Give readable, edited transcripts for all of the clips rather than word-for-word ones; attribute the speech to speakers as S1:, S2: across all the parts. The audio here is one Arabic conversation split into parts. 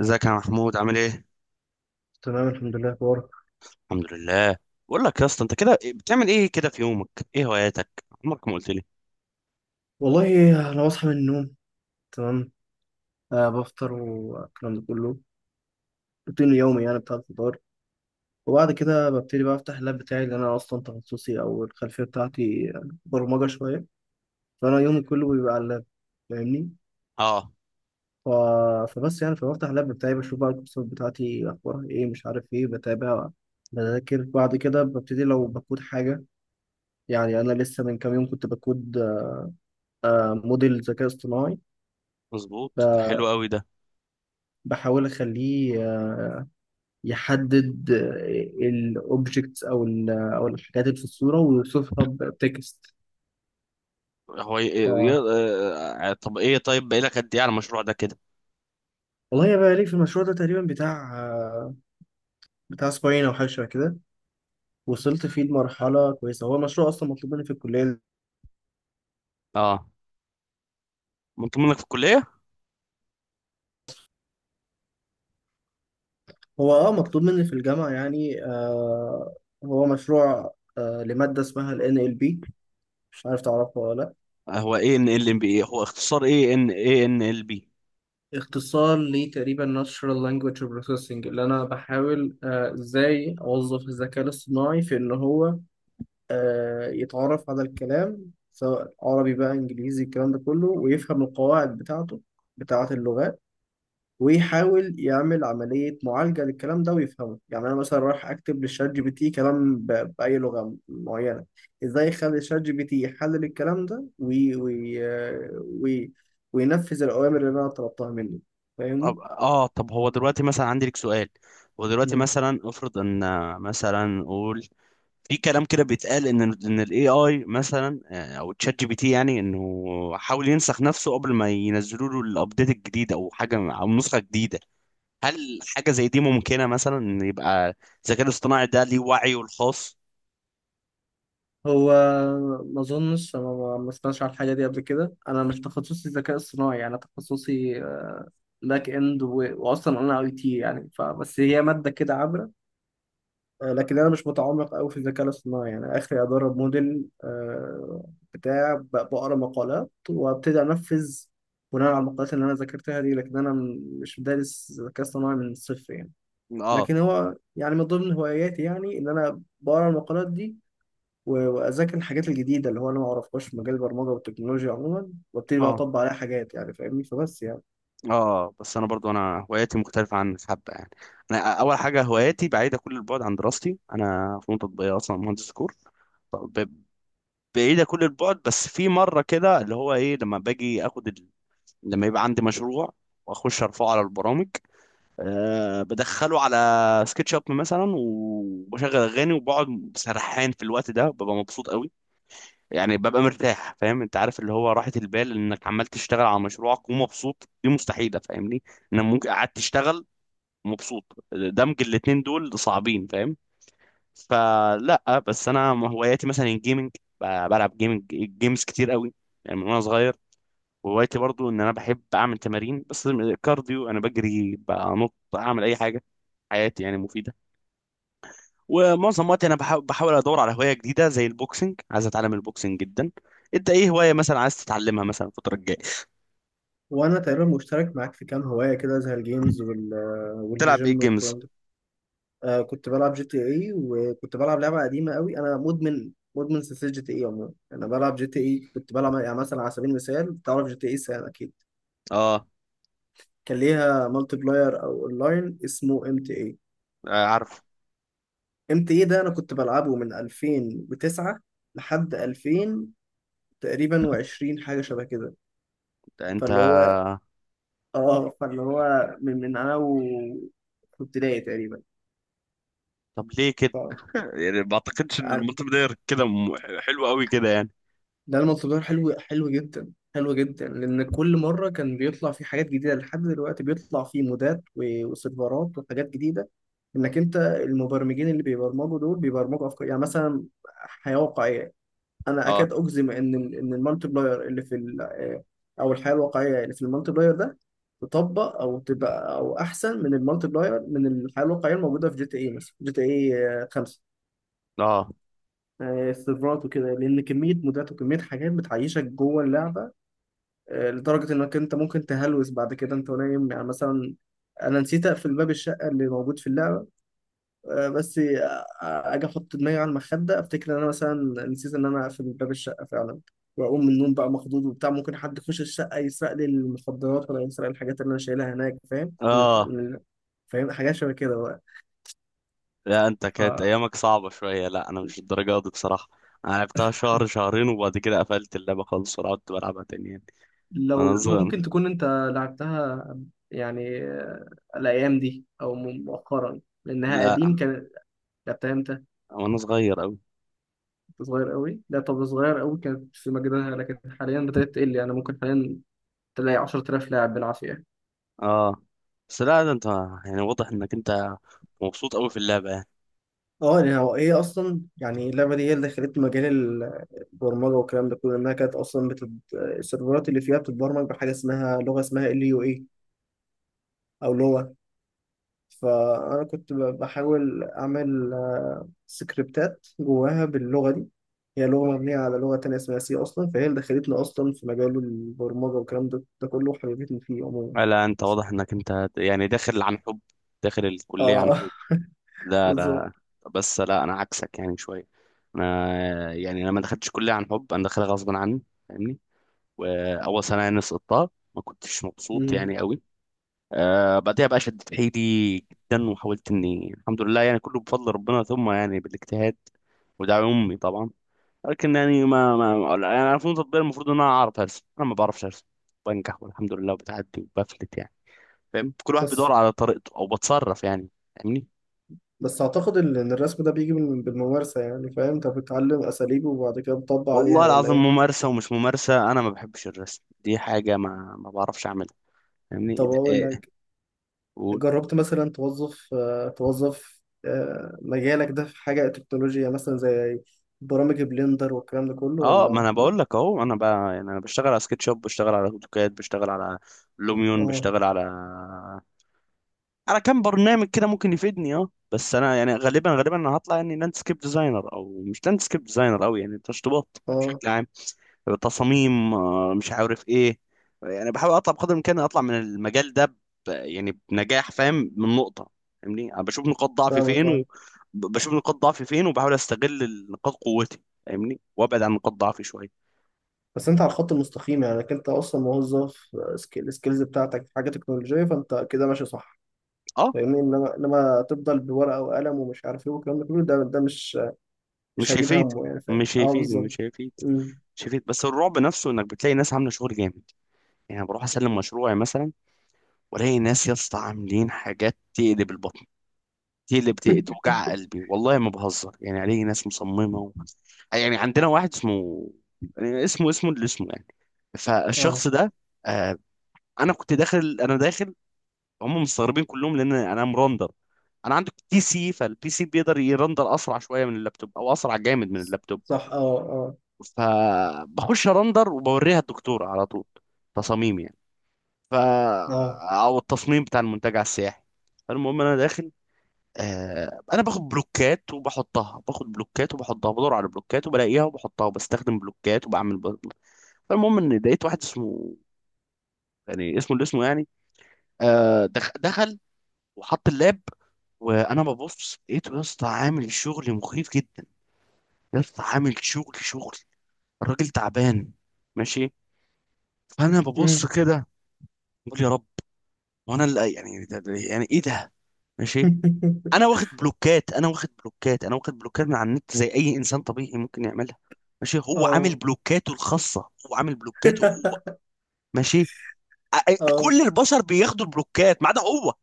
S1: ازيك يا محمود عامل ايه؟
S2: تمام، الحمد لله. اخبارك؟
S1: الحمد لله. بقول لك يا اسطى انت كده ايه، بتعمل ايه كده في يومك؟ ايه هواياتك؟ عمرك ما قلت لي.
S2: والله انا بصحى من النوم. تمام. بفطر والكلام ده كله. روتين يومي يعني، بتاع الفطار. وبعد كده ببتدي بقى افتح اللاب بتاعي، لان انا اصلا تخصصي او الخلفيه بتاعتي برمجه شويه، فانا يومي كله بيبقى على اللاب. فاهمني؟
S1: اه
S2: ف... فبس يعني فبفتح اللاب بتاعي، بشوف بقى الكورسات بتاعتي اخبارها ايه، مش عارف ايه، بتابع. بذاكر. بعد كده ببتدي لو بكود حاجه. يعني انا لسه من كام يوم كنت بكود موديل ذكاء اصطناعي.
S1: مظبوط، ده حلو قوي ده.
S2: بحاول اخليه يحدد الاوبجكتس او الحاجات اللي في الصوره، ويوصفها بتكست.
S1: هو ي...
S2: ف
S1: ي... آه، آه، طب ايه، طيب بقالك قد ايه على المشروع ده كده؟
S2: والله، يا بقى لي في المشروع ده تقريبا بتاع اسبوعين او حاجه شبه كده. وصلت فيه لمرحله كويسه. هو مشروع اصلا مطلوب مني في الكليه.
S1: اه، منتظم منك في الكلية؟
S2: هو مطلوب مني في الجامعه، يعني هو مشروع لماده اسمها ال NLP. مش عارف تعرفها ولا لا؟
S1: هو ايه ان ال ام بي؟ هو اختصار ايه؟ ان ايه ان ال بي.
S2: اختصار لتقريبا Natural Language Processing، اللي انا بحاول ازاي اوظف الذكاء الاصطناعي في ان هو يتعرف على الكلام، سواء عربي بقى انجليزي الكلام ده كله، ويفهم القواعد بتاعته، بتاعة اللغات. ويحاول يعمل عملية معالجة للكلام ده ويفهمه. يعني أنا مثلا رايح أكتب للشات جي بي تي كلام بأي لغة معينة، إزاي يخلي الشات جي بي تي يحلل الكلام ده وي... وينفذ الأوامر اللي أنا طلبتها منه.
S1: طب
S2: فاهمني؟
S1: اه، طب هو دلوقتي مثلا عندي لك سؤال. هو دلوقتي
S2: مم.
S1: مثلا افرض ان مثلا قول، في كلام كده بيتقال ان الاي اي مثلا، او تشات جي بي تي، يعني انه حاول ينسخ نفسه قبل ما ينزلوا له الابديت الجديد او حاجه او نسخه جديده. هل حاجه زي دي ممكنه، مثلا ان يبقى الذكاء الاصطناعي ده ليه وعيه الخاص؟
S2: هو ما اظنش، انا ما سمعتش على الحاجه دي قبل كده. انا مش تخصصي ذكاء اصطناعي، انا تخصصي باك اند، واصلا انا اي تي. يعني فبس هي ماده كده عابره. لكن انا مش متعمق قوي في الذكاء الاصطناعي، يعني اخري ادرب موديل بتاع، بقرا مقالات وابتدي انفذ بناء على المقالات اللي انا ذاكرتها دي. لكن انا مش دارس ذكاء اصطناعي من الصفر يعني.
S1: اه.
S2: لكن هو يعني من ضمن هواياتي، يعني ان انا بقرا المقالات دي، واذاكر الحاجات الجديده اللي هو انا ما اعرفهاش في مجال البرمجه والتكنولوجيا عموما، وابتدي بقى
S1: اه.
S2: اطبق عليها حاجات يعني. فاهمني؟ فبس يعني.
S1: اه بس انا برضو انا هواياتي مختلفه عن حبه يعني. انا اول حاجه هواياتي بعيده كل البعد عن دراستي، انا فنون تطبيقيه اصلا، مهندس كور. ب- بعيدة كل البعد. بس في مرة كده اللي هو ايه، لما باجي اخد، لما يبقى عندي مشروع واخش ارفعه على البرامج، أه بدخله على سكتش اب مثلا وبشغل اغاني وبقعد سرحان، في الوقت ده ببقى مبسوط قوي. يعني ببقى مرتاح، فاهم؟ انت عارف اللي هو راحة البال انك عمال تشتغل على مشروعك ومبسوط؟ دي مستحيلة، فاهمني؟ انا ممكن قعدت تشتغل مبسوط، دمج الاتنين دول صعبين، فاهم؟ فلا، بس انا هواياتي مثلا الجيمنج، بلعب جيمنج، جيمز كتير قوي يعني، من وانا صغير. وهوايتي برضو ان انا بحب اعمل تمارين، بس كارديو، انا بجري، بنط، اعمل اي حاجه. حياتي يعني مفيده. ومعظم وقتي انا بحاول ادور على هوايه جديده زي البوكسنج، عايز اتعلم البوكسنج جدا. انت ايه هوايه مثلا عايز تتعلمها مثلا الفتره الجايه؟
S2: وانا تقريبا مشترك معاك في كام هوايه كده، زي الجيمز
S1: تلعب ايه
S2: والجيم
S1: جيمز؟
S2: والكلام ده. كنت بلعب جي تي اي، وكنت بلعب لعبه قديمه قوي. انا مدمن سلسله جي تي اي عموما. انا بلعب جي تي اي، كنت بلعب يعني مثلا، على سبيل المثال. تعرف جي تي اي سان اكيد؟
S1: اه،
S2: كان ليها مالتي بلاير او اونلاين اسمه ام تي اي.
S1: آه، عارف.
S2: ام تي اي ده انا كنت بلعبه من 2009 لحد 2000 تقريبا و20 حاجه شبه كده.
S1: انت
S2: فاللي هو اه فاللي هو من انا و في ابتدائي تقريبا.
S1: طب ليه كده؟
S2: ف-
S1: يعني ما اعتقدش ان المالتي بلاير كده حلو قوي كده يعني.
S2: ده المطلب، ده حلو حلو جدا، حلو جدا، لان كل مره كان بيطلع فيه حاجات جديده، لحد دلوقتي بيطلع فيه مودات وسيرفرات وحاجات جديده. انك انت المبرمجين اللي بيبرمجوا دول بيبرمجوا افكار، يعني مثلا حياه واقعيه. انا
S1: اه.
S2: اكاد اجزم ان المالتي بلاير اللي في او الحياه الواقعيه اللي في المالتي بلاير ده، تطبق او تبقى او احسن من المالتي بلاير من الحياه الواقعيه الموجوده في جي تي اي، مثلا جي تي اي 5.
S1: اه.
S2: السيرفرات وكده، لان كميه مودات وكميه حاجات بتعيشك جوه اللعبه. لدرجة إنك أنت ممكن تهلوس بعد كده أنت نايم، يعني مثلا أنا نسيت أقفل باب الشقة اللي موجود في اللعبة. بس أجي أحط دماغي على المخدة، أفتكر إن أنا مثلا نسيت إن أنا أقفل باب الشقة فعلا، وأقوم من النوم بقى مخضوض وبتاع، ممكن حد يخش الشقة يسرق لي المخدرات ولا يسرق الحاجات اللي أنا شايلها هناك. فاهم من الح-
S1: اه
S2: من- فاهم حاجات شبه كده بقى.
S1: لا انت كانت
S2: فلو
S1: ايامك صعبة شوية، لا انا مش الدرجة دي بصراحة. انا لعبتها شهر شهرين وبعد كده قفلت اللعبة خالص، ولا قعدت بلعبها تاني يعني. انا صغير،
S2: ممكن تكون أنت لعبتها، يعني الأيام دي أو مؤخرا، لأنها
S1: لا
S2: قديم كانت. لعبتها امتى؟
S1: وانا صغير اوي.
S2: كنت صغير قوي. لا، طب صغير قوي كانت في مجدها، لكن حاليا بدأت تقل يعني. ممكن حاليا تلاقي 10000 لاعب بالعافية.
S1: اه بس لا ده انت يعني واضح انك انت مبسوط اوي في اللعبة يعني.
S2: اه. يعني هو ايه اصلا؟ يعني اللعبه دي هي اللي خلت مجال البرمجه والكلام ده كله. انها كانت اصلا السيرفرات اللي فيها بتتبرمج بحاجه اسمها لغه، اسمها ال يو اي او لغه. فانا كنت بحاول اعمل سكريبتات جواها باللغه دي. هي لغه مبنيه على لغه تانية اسمها سي اصلا، فهي اللي دخلتنا اصلا في مجال البرمجه والكلام ده كله، وحبيبتني فيه عموما.
S1: لا انت واضح انك انت يعني داخل عن حب، داخل الكلية
S2: اه.
S1: عن حب. لا
S2: بالظبط.
S1: لا. بس لا انا عكسك يعني شوية، انا يعني انا ما دخلتش كلية عن حب، انا داخلها غصب عني، فاهمني؟ واول سنة يعني سقطتها، ما كنتش مبسوط
S2: مم.
S1: يعني قوي. آه بعدها بقى شدت حيلي جدا وحاولت اني، الحمد لله يعني كله بفضل ربنا ثم يعني بالاجتهاد ودعم امي طبعا. لكن يعني ما ما يعني انا فنون تطبيقيه المفروض ان انا اعرف ارسم، انا ما بعرفش ارسم. بنجح والحمد لله وبتعدي وبفلت يعني، فاهم؟ كل واحد
S2: بس
S1: بيدور على طريقته او بتصرف يعني، فاهمني؟
S2: بس اعتقد ان الرسم ده بيجي بالممارسه يعني. فاهم؟ انت بتتعلم اساليب وبعد كده بتطبق عليها،
S1: والله
S2: ولا
S1: العظيم
S2: ايه؟
S1: ممارسه ومش ممارسه، انا ما بحبش الرسم، دي حاجه ما ما بعرفش اعملها، فاهمني؟
S2: طب
S1: ده-
S2: اقول
S1: إيه.
S2: لك، جربت مثلا توظف توظف مجالك ده في حاجه تكنولوجيا، مثلا زي برامج بلندر والكلام ده كله،
S1: اه ما
S2: ولا؟
S1: انا بقول لك اهو، انا بقى يعني انا بشتغل على سكتش اب، بشتغل على اوتوكاد، بشتغل على لوميون،
S2: اه.
S1: بشتغل على على كام برنامج كده ممكن يفيدني. اه بس انا يعني غالبا انا هطلع يعني لاندسكيب ديزاينر، او مش لاندسكيب ديزاينر قوي يعني، تشطيبات
S2: اه
S1: بشكل عام، تصاميم، مش عارف ايه. يعني بحاول اطلع بقدر الامكان اطلع من المجال ده يعني بنجاح، فاهم من نقطة، فاهمني؟ انا بشوف نقاط ضعفي
S2: فاهمك
S1: فين و...
S2: اه.
S1: بشوف نقاط ضعفي فين وبحاول استغل نقاط قوتي، فاهمني؟ وابعد عن نقاط ضعفي شوية.
S2: بس انت على الخط المستقيم، يعني انت اصلا موظف السكيلز بتاعتك في حاجه تكنولوجيه، فانت كده ماشي صح؟
S1: اه.
S2: فاهمني، انما تفضل بورقه وقلم ومش عارف ايه والكلام ده كله، ده مش
S1: مش
S2: هجيب
S1: هيفيد
S2: همه يعني. فاهم؟
S1: مش
S2: اه
S1: هيفيد
S2: بالظبط.
S1: مش هيفيد
S2: أمم.
S1: مش هيفيد. بس الرعب نفسه انك بتلاقي ناس عامله شغل جامد يعني. أنا بروح اسلم مشروعي مثلا، والاقي ناس يا اسطى عاملين حاجات تقلب البطن، تقلب توجع قلبي، والله ما بهزر يعني. الاقي ناس مصممه و... يعني عندنا واحد اسمه، يعني اسمه اللي اسمه يعني،
S2: اه.
S1: فالشخص ده، آه انا كنت داخل، انا داخل، هم مستغربين كلهم لان انا مرندر. انا عندي بي سي، فالبي سي بيقدر يرندر اسرع شويه من اللابتوب، او اسرع جامد من اللابتوب.
S2: صح، اه. اه.
S1: فبخش ارندر وبوريها الدكتور على طول، تصاميم يعني. ف
S2: اه.
S1: او التصميم بتاع المنتجع السياحي. فالمهم انا داخل، آه انا باخد بلوكات وبحطها، باخد بلوكات وبحطها، بدور على بلوكات وبلاقيها وبحطها، وبستخدم بلوكات وبعمل فالمهم ان لقيت واحد اسمه، يعني اسمه اللي اسمه يعني، آه دخل وحط اللاب. وانا ببص لقيته يا اسطى عامل شغل مخيف جدا، يا اسطى عامل شغل شغل، الراجل تعبان، ماشي. فانا
S2: أمم.
S1: ببص كده، بقول يا رب، وانا اللي يعني، يعني ايه ده، ماشي. انا واخد بلوكات، انا واخد بلوكات، انا واخد بلوكات من على النت زي اي انسان طبيعي ممكن يعملها، ماشي. هو عامل
S2: اه.
S1: بلوكاته الخاصه، هو عامل بلوكاته هو، ماشي.
S2: اه،
S1: كل البشر بياخدوا البلوكات ما عدا هو،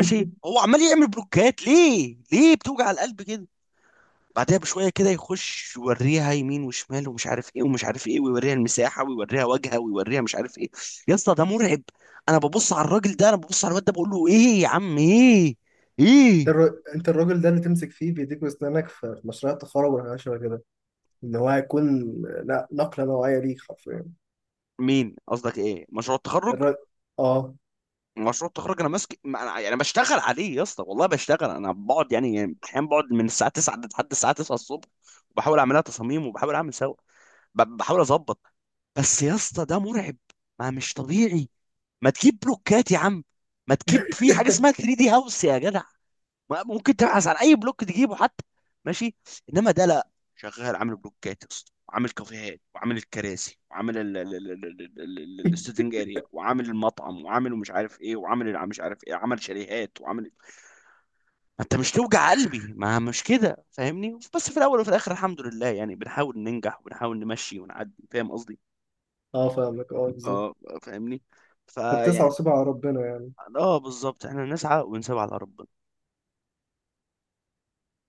S2: انت
S1: هو عمال يعمل بلوكات، ليه، ليه بتوجع القلب كده؟ بعدها بشويه كده يخش يوريها يمين وشمال ومش عارف ايه ومش عارف ايه، ويوريها المساحه ويوريها وجهها ويوريها مش عارف ايه. يا اسطى ده مرعب. انا ببص على الراجل ده، انا ببص على الواد ده بقول له ايه يا عم، ايه، ايه؟
S2: انت الراجل ده اللي تمسك فيه بايديك واسنانك في مشروع التخرج والحاجات شبه كده. ان هو هيكون، لا، نقله نوعيه ليك حرفيا.
S1: مين قصدك، ايه مشروع التخرج؟
S2: الر... اه.
S1: مشروع التخرج انا ماسك، ما انا يعني بشتغل عليه يا اسطى، والله بشتغل، انا بقعد يعني احيانا بقعد من الساعه 9 لحد الساعه 9 الصبح. وبحاول اعملها تصاميم وبحاول اعمل سوا، بحاول اظبط. بس يا اسطى ده مرعب، ما مش طبيعي، ما تجيب بلوكات يا عم، ما تجيب في حاجه اسمها 3 دي هاوس يا جدع، ما- ممكن تبحث عن اي بلوك تجيبه حتى، ماشي. انما ده لا، شغال عامل بلوكات يا اسطى، وعامل كافيهات، وعامل الكراسي، وعامل السيتنج اريا، وعامل المطعم، وعامل مش عارف ايه، وعامل مش عارف ايه، عمل شاليهات وعامل، ما انت مش توجع قلبي، ما مش كده، فاهمني؟ بس في الاول وفي الاخر الحمد لله يعني، بنحاول ننجح وبنحاول نمشي ونعدي، فاهم قصدي؟
S2: اه فاهمك اه بالظبط.
S1: اه فاهمني،
S2: طب تسعى
S1: فيعني،
S2: وسيبها على ربنا يعني.
S1: اه بالظبط، احنا نسعى ونسيب على ربنا.